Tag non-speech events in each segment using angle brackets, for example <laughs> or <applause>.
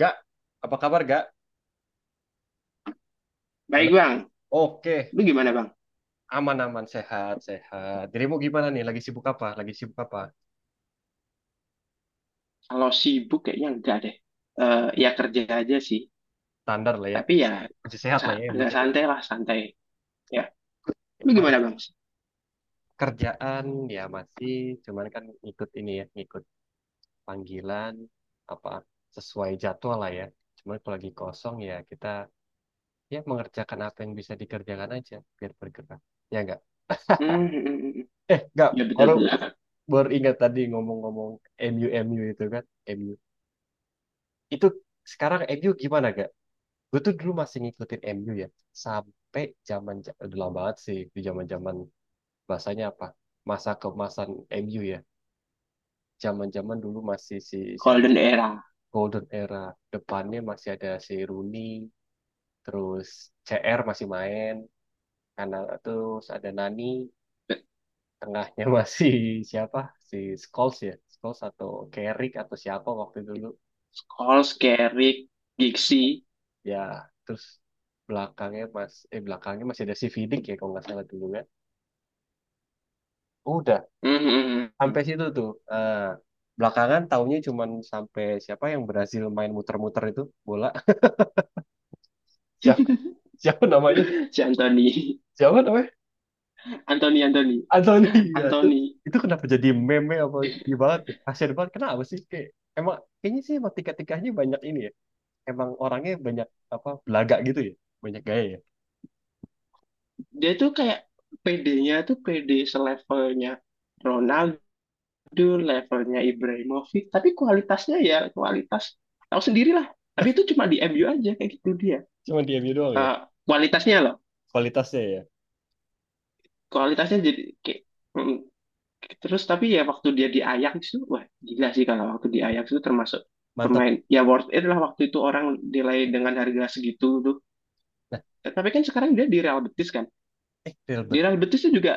Gak, apa kabar gak? Halo. Baik bang, Oke, lu gimana bang? aman-aman, sehat-sehat. Dirimu gimana nih? Lagi sibuk apa? Lagi sibuk apa? Kalau sibuk kayaknya enggak deh. Ya kerja aja sih, Standar lah ya. tapi ya Se- Masih sehat lah ya, yang agak penting ya. santai lah, santai. Ya, lu gimana Masih bang? kerjaan ya masih, cuman kan ikut ini ya, ikut panggilan apa sesuai jadwal lah ya. Cuman kalau lagi kosong ya kita ya mengerjakan apa yang bisa dikerjakan aja biar bergerak. Ya enggak? Hmm, hmm, hmm, hmm. Eh, enggak. Ya betul Baru betul. baru ingat tadi ngomong-ngomong MU MU itu kan, MU. Itu sekarang MU gimana gak? Gue tuh dulu masih ngikutin MU ya sampai zaman udah lama banget sih di zaman zaman bahasanya apa masa kemasan MU ya zaman zaman dulu masih si siapa Golden era. Golden Era depannya masih ada si Rooney terus CR masih main karena terus ada Nani tengahnya <laughs> masih siapa si Scholes ya Scholes atau Carrick atau siapa waktu dulu Scholes, Carrick, Gixi. ya terus belakangnya masih ada si Vidic ya kalau nggak salah dulu ya udah hmm, hmm, hmm, hmm. sampai situ tuh. Eh, belakangan taunya cuman sampai siapa yang berhasil main muter-muter itu bola. <laughs> Siapa, <laughs> siapa namanya? Si Anthony, Siapa namanya? Anthony, Anthony, Anthony ya tuh. Anthony. Itu kenapa jadi meme apa ini banget ya? Kasian banget. Kenapa sih? Kayak, emang kayaknya sih emang tiga-tiganya banyak ini ya. Emang orangnya banyak apa belaga gitu ya. Banyak gaya ya. Dia tuh kayak PD-nya tuh PD selevelnya, levelnya Ibrahimovic, tapi kualitasnya ya kualitas tahu sendirilah. Tapi itu cuma di MU aja kayak gitu dia. Cuman dia doang ya. Eh, Kualitasnya loh, Kualitasnya ya. kualitasnya jadi kayak mm, terus tapi ya waktu dia di Ajax itu wah gila sih, kalau waktu di Ajax itu termasuk Mantap. pemain ya worth it lah, waktu itu orang nilai dengan harga segitu tuh. Nah, Eh, tapi kan sekarang dia di Real Betis kan. eh Real Di Bet Real Betis itu juga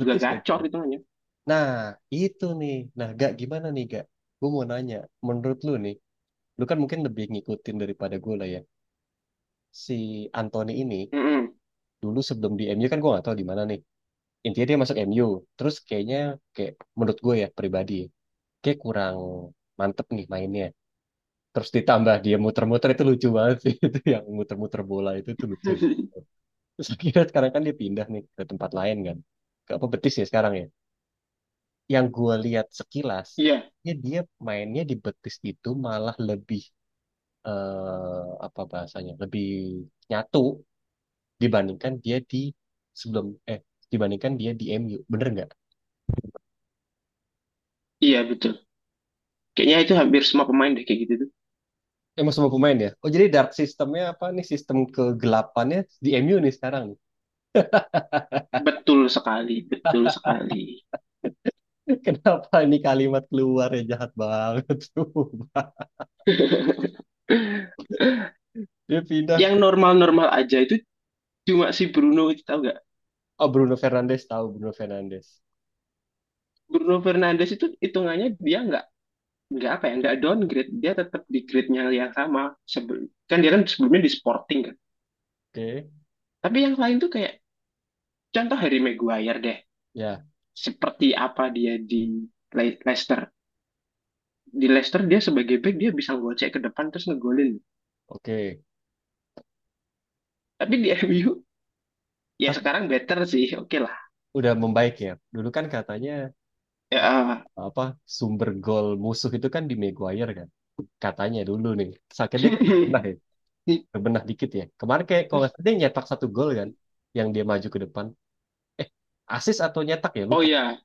juga deh gacor tuh. hitungannya. Nah, itu nih. Nah, gak gimana nih, gak? Gue mau nanya, menurut lu nih, lu kan mungkin lebih ngikutin daripada gue lah ya. Si Anthony ini Mm-mm. dulu sebelum di MU kan gue gak tahu di mana nih. Intinya dia masuk MU, terus kayaknya kayak menurut gue ya pribadi, kayak kurang mantep nih mainnya. Terus ditambah dia muter-muter itu lucu banget sih <laughs> itu yang muter-muter bola itu tuh lucu. <laughs> Terus <laughs> akhirnya sekarang kan dia pindah nih ke tempat lain kan. Ke apa Betis ya sekarang ya. Yang gue lihat sekilas, Iya, ya dia mainnya di Betis itu malah lebih apa bahasanya lebih nyatu dibandingkan dia di sebelum eh dibandingkan dia di MU bener nggak? iya betul. Kayaknya itu hampir semua pemain deh kayak gitu. Emang semua pemain ya? Oh jadi dark sistemnya apa nih sistem kegelapannya di MU nih sekarang nih. Betul sekali, betul sekali. <laughs> Kenapa ini kalimat keluar ya jahat banget <laughs> tuh. <laughs> Dia pindah. Yang normal-normal aja itu cuma si Bruno itu, tahu nggak? Oh Bruno Fernandes tahu Bruno Fernandes. Bruno Fernandes itu hitungannya dia nggak apa ya, nggak downgrade, dia tetap di grade-nya yang sama sebelum, kan dia kan sebelumnya di Sporting kan, Oke tapi yang lain tuh kayak contoh Harry Maguire deh, ya seperti apa dia di Leicester. Di Leicester dia sebagai back dia bisa gocek ke depan terus ngegolin, oke. tapi di <laughs> MU ya Tapi sekarang better sih, oke lah udah membaik ya. Dulu kan katanya ya, eh, eh. apa sumber gol musuh itu kan di Maguire kan katanya dulu nih sakitnya kan pernah ya <laughs> berbenah dikit ya. Kemarin kayak kalau nggak salah dia nyetak satu gol kan, yang dia maju ke depan. Eh, asis atau nyetak ya Oh lupa ya,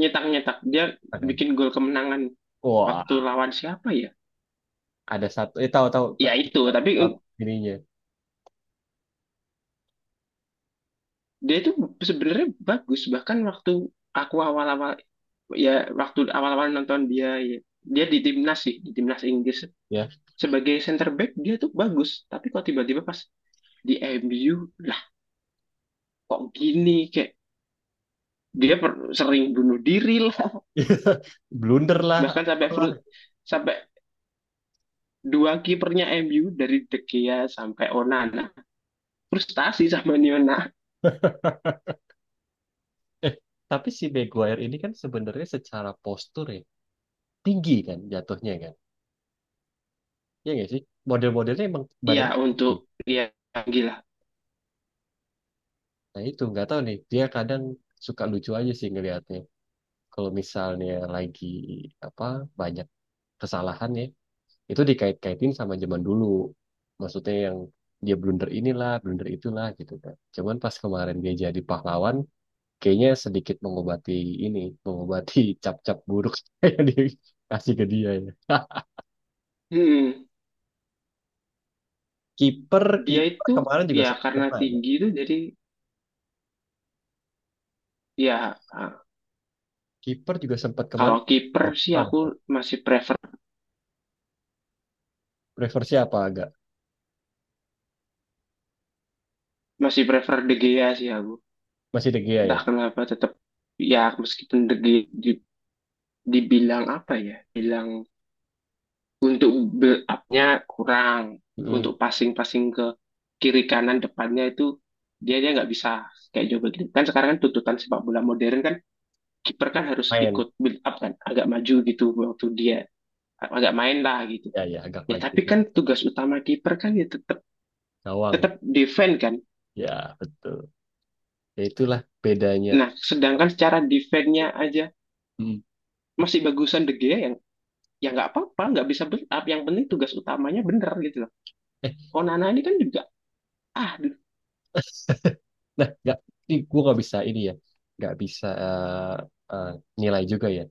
nyetak-nyetak dia kan. bikin gol kemenangan waktu Wah, lawan siapa ya. ada satu. Eh tahu-tahu Ya itu tapi ininya dia itu sebenarnya bagus, bahkan waktu aku awal-awal, ya waktu awal-awal nonton dia ya, dia di timnas sih, di timnas Inggris ya. sebagai center back dia tuh bagus, tapi kok tiba-tiba pas di MU lah kok gini, kayak dia sering bunuh diri lah. <laughs> <laughs> Blunder lah, Bahkan sampai apalah. <laughs> Sampai dua kipernya MU dari De Gea sampai Onana frustasi sama Niona. Eh, tapi si Maguire ini kan sebenarnya secara postur ya tinggi kan jatuhnya kan. Iya nggak sih? Model-modelnya emang badan Iya tinggi. untuk ya gila. Nah itu nggak tahu nih. Dia kadang suka lucu aja sih ngelihatnya. Kalau misalnya lagi apa banyak kesalahan ya itu dikait-kaitin sama zaman dulu. Maksudnya yang dia blunder inilah, blunder itulah gitu kan. Cuman pas kemarin dia jadi pahlawan, kayaknya sedikit mengobati ini, mengobati cap-cap buruk <laughs> yang dikasih ke dia ya. <laughs> Hmm, Kiper, dia kiper itu kemarin juga ya sempat karena pernah ya. tinggi itu jadi ya ah, Kiper juga sempat kalau kemarin. kiper Oh, sih bukan, aku bukan. masih prefer Prefer siapa agak? masih prefer De Gea sih aku. Masih De Gea ya? Entah kenapa tetap ya, meskipun De Gea dibilang apa ya? Bilang untuk build up-nya kurang, Mm-mm. untuk passing-passing ke kiri kanan depannya itu dia dia nggak bisa kayak Joe Biden. Kan sekarang kan tuntutan sepak bola modern kan kiper kan harus Main. ikut build up kan, agak maju gitu, waktu dia agak main lah gitu. Ya, ya agak Ya maju tapi dikit. kan tugas utama kiper kan ya tetap Gawang. tetap defend kan. Ya, betul. Ya itulah bedanya. Nah, sedangkan secara defense-nya aja Mm. masih bagusan De Gea, yang ya nggak apa-apa, nggak bisa build up. Yang penting tugas utamanya bener gitu loh. Onana ini kan juga ah aduh, <laughs> Nah, nggak, ini gue nggak bisa ini ya, nggak bisa eh, nilai juga ya.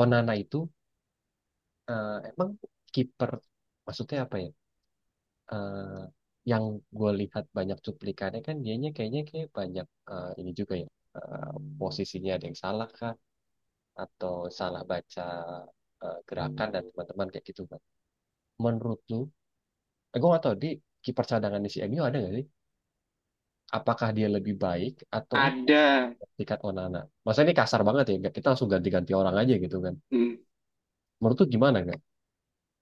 Onana itu emang kiper, maksudnya apa ya? Eh, yang gue lihat banyak cuplikannya kan dianya kayaknya kayak banyak ini juga ya. Eh, posisinya ada yang salah kah? Atau salah baca gerakan dan teman-teman kayak gitu kan? Menurut lu, gue nggak tahu di kiper cadangan di si MU ada nggak sih? Apakah dia lebih baik atau ada Tiket Onana. Masa ini kasar banget ya, kita langsung ganti-ganti orang aja gitu kan. hmm, Menurut tuh gimana kan?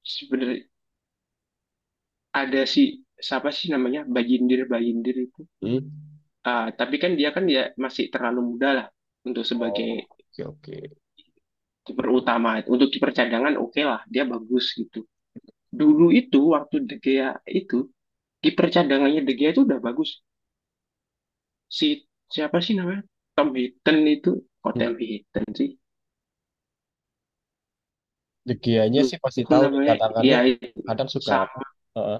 sebenarnya ada si siapa sih namanya, Bajindir. Bajindir itu. Hmm? Ah, tapi kan dia kan ya masih terlalu muda lah untuk sebagai Oh, oke oke. kiper utama. Untuk kiper cadangan oke lah, dia bagus gitu. Dulu itu waktu De Gea itu kiper cadangannya De Gea itu udah bagus. Si siapa sih namanya? Tom Heaton itu, kok Hmm. Tom Heaton sih? De Gea-nya Lu sih pasti aku tahu nih, namanya ya cadangannya itu kadang suka Sam, apa, heeh.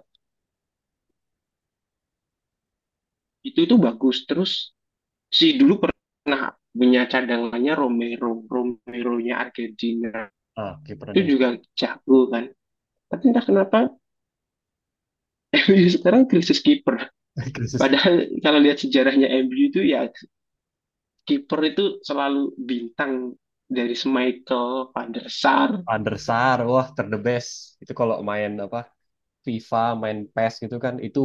itu bagus. Terus si dulu pernah punya cadangannya Romero, Romero-nya Argentina. Ah, kiper yang Itu juga jago kan. Tapi entah kenapa <laughs> MU sekarang krisis kiper. <laughs> krisis. Padahal kalau lihat sejarahnya MU itu ya kiper itu selalu bintang, dari Schmeichel, Van der Sar. Van der Sar, wah ter the best. Itu kalau main apa FIFA, main PES gitu kan, itu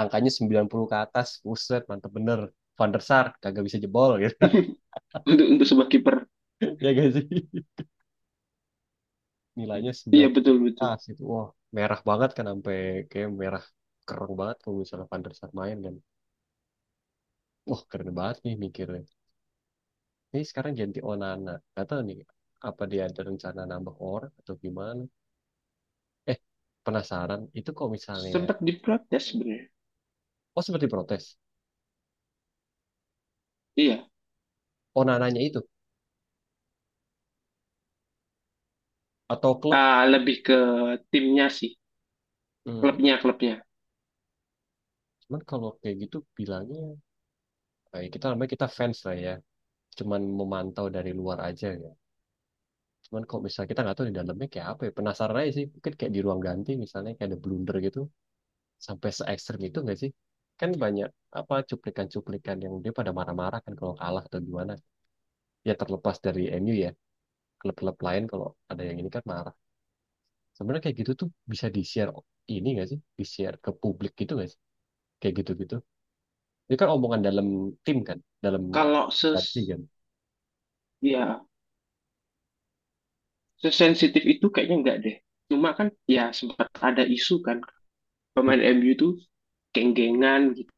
angkanya 90 ke atas, buset, mantep bener. Van der Sar, kagak bisa jebol gitu. <laughs> Untuk sebuah kiper, <laughs> Ya gak sih? Nilainya iya betul betul. Tas itu wah merah banget kan sampai kayak merah kerong banget kalau misalnya Van der Sar main kan wah keren banget nih mikirnya ini sekarang ganti Onana nggak tahu nih apa dia ada rencana nambah orang atau gimana eh penasaran itu kalau misalnya Sempat diprotes sebenarnya. oh seperti protes Iya. Onananya itu atau klub Ah, lebih ke timnya sih, hmm, klubnya klubnya. cuman kalau kayak gitu bilangnya kita namanya kita fans lah ya cuman memantau dari luar aja ya cuman kalau misalnya kita nggak tahu di dalamnya kayak apa ya penasaran aja sih mungkin kayak di ruang ganti misalnya kayak ada blunder gitu sampai se ekstrem itu nggak sih? Kan banyak apa cuplikan-cuplikan yang dia pada marah-marah kan kalau kalah atau gimana. Ya terlepas dari MU ya, klub-klub lain kalau ada yang ini kan marah. Sebenarnya kayak gitu tuh bisa di-share ini nggak sih? Di-share ke publik gitu nggak sih? Kayak gitu-gitu. Ini kan omongan dalam tim kan, dalam Kalau ses hati kan. Ya sesensitif itu kayaknya enggak deh. Cuma kan ya sempat ada isu kan Hmm. pemain MU tuh geng-gengan gitu.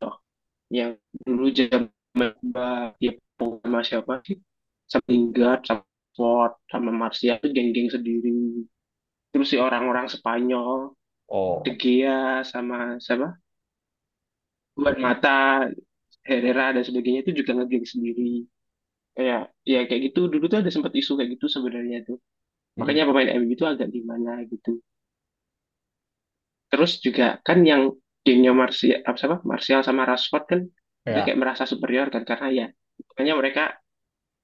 Yang dulu zaman Mbak ya sama siapa sih? Sama Lingard, sama Ford, sama Martial tuh geng-geng sendiri. Terus si orang-orang Spanyol, De Oh, Gea sama siapa? Juan Mata, Herrera dan sebagainya itu juga ngegeng sendiri. Kayak ya kayak gitu dulu tuh ada sempat isu kayak gitu sebenarnya tuh. mm, Makanya pemain MU itu agak gimana gitu. Terus juga kan yang gengnya Martial apa siapa? Martial sama Rashford kan dia ya, kayak merasa superior kan, karena ya makanya mereka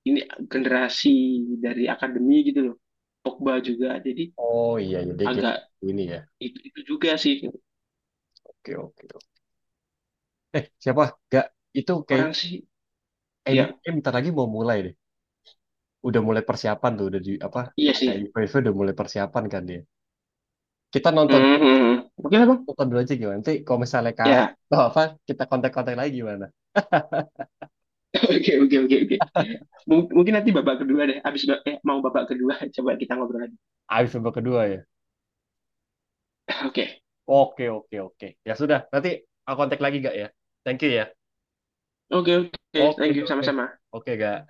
ini generasi dari akademi gitu loh. Pogba juga jadi oh iya iya dia kayak agak ini ya. itu juga sih Oke, oke. Oke. Eh siapa? Gak itu kayak orang sih MU ya, bentar lagi mau mulai deh. Udah mulai persiapan tuh udah di apa iya ada sih. IPV udah mulai persiapan kan dia kita Hmm, hmm, hmm. Oke lah bang, nonton dulu aja gimana nanti kalau misalnya kalah ya atau apa kita kontak-kontak lagi gimana oke, oke, oke, oke. Mungkin nanti babak kedua deh. Mau babak kedua, <laughs> coba kita ngobrol lagi. abis babak kedua ya <laughs> Oke, oke oke oke ya sudah nanti aku kontak lagi gak ya thank you ya oke, oke. oke Thank you, oke sama-sama. oke gak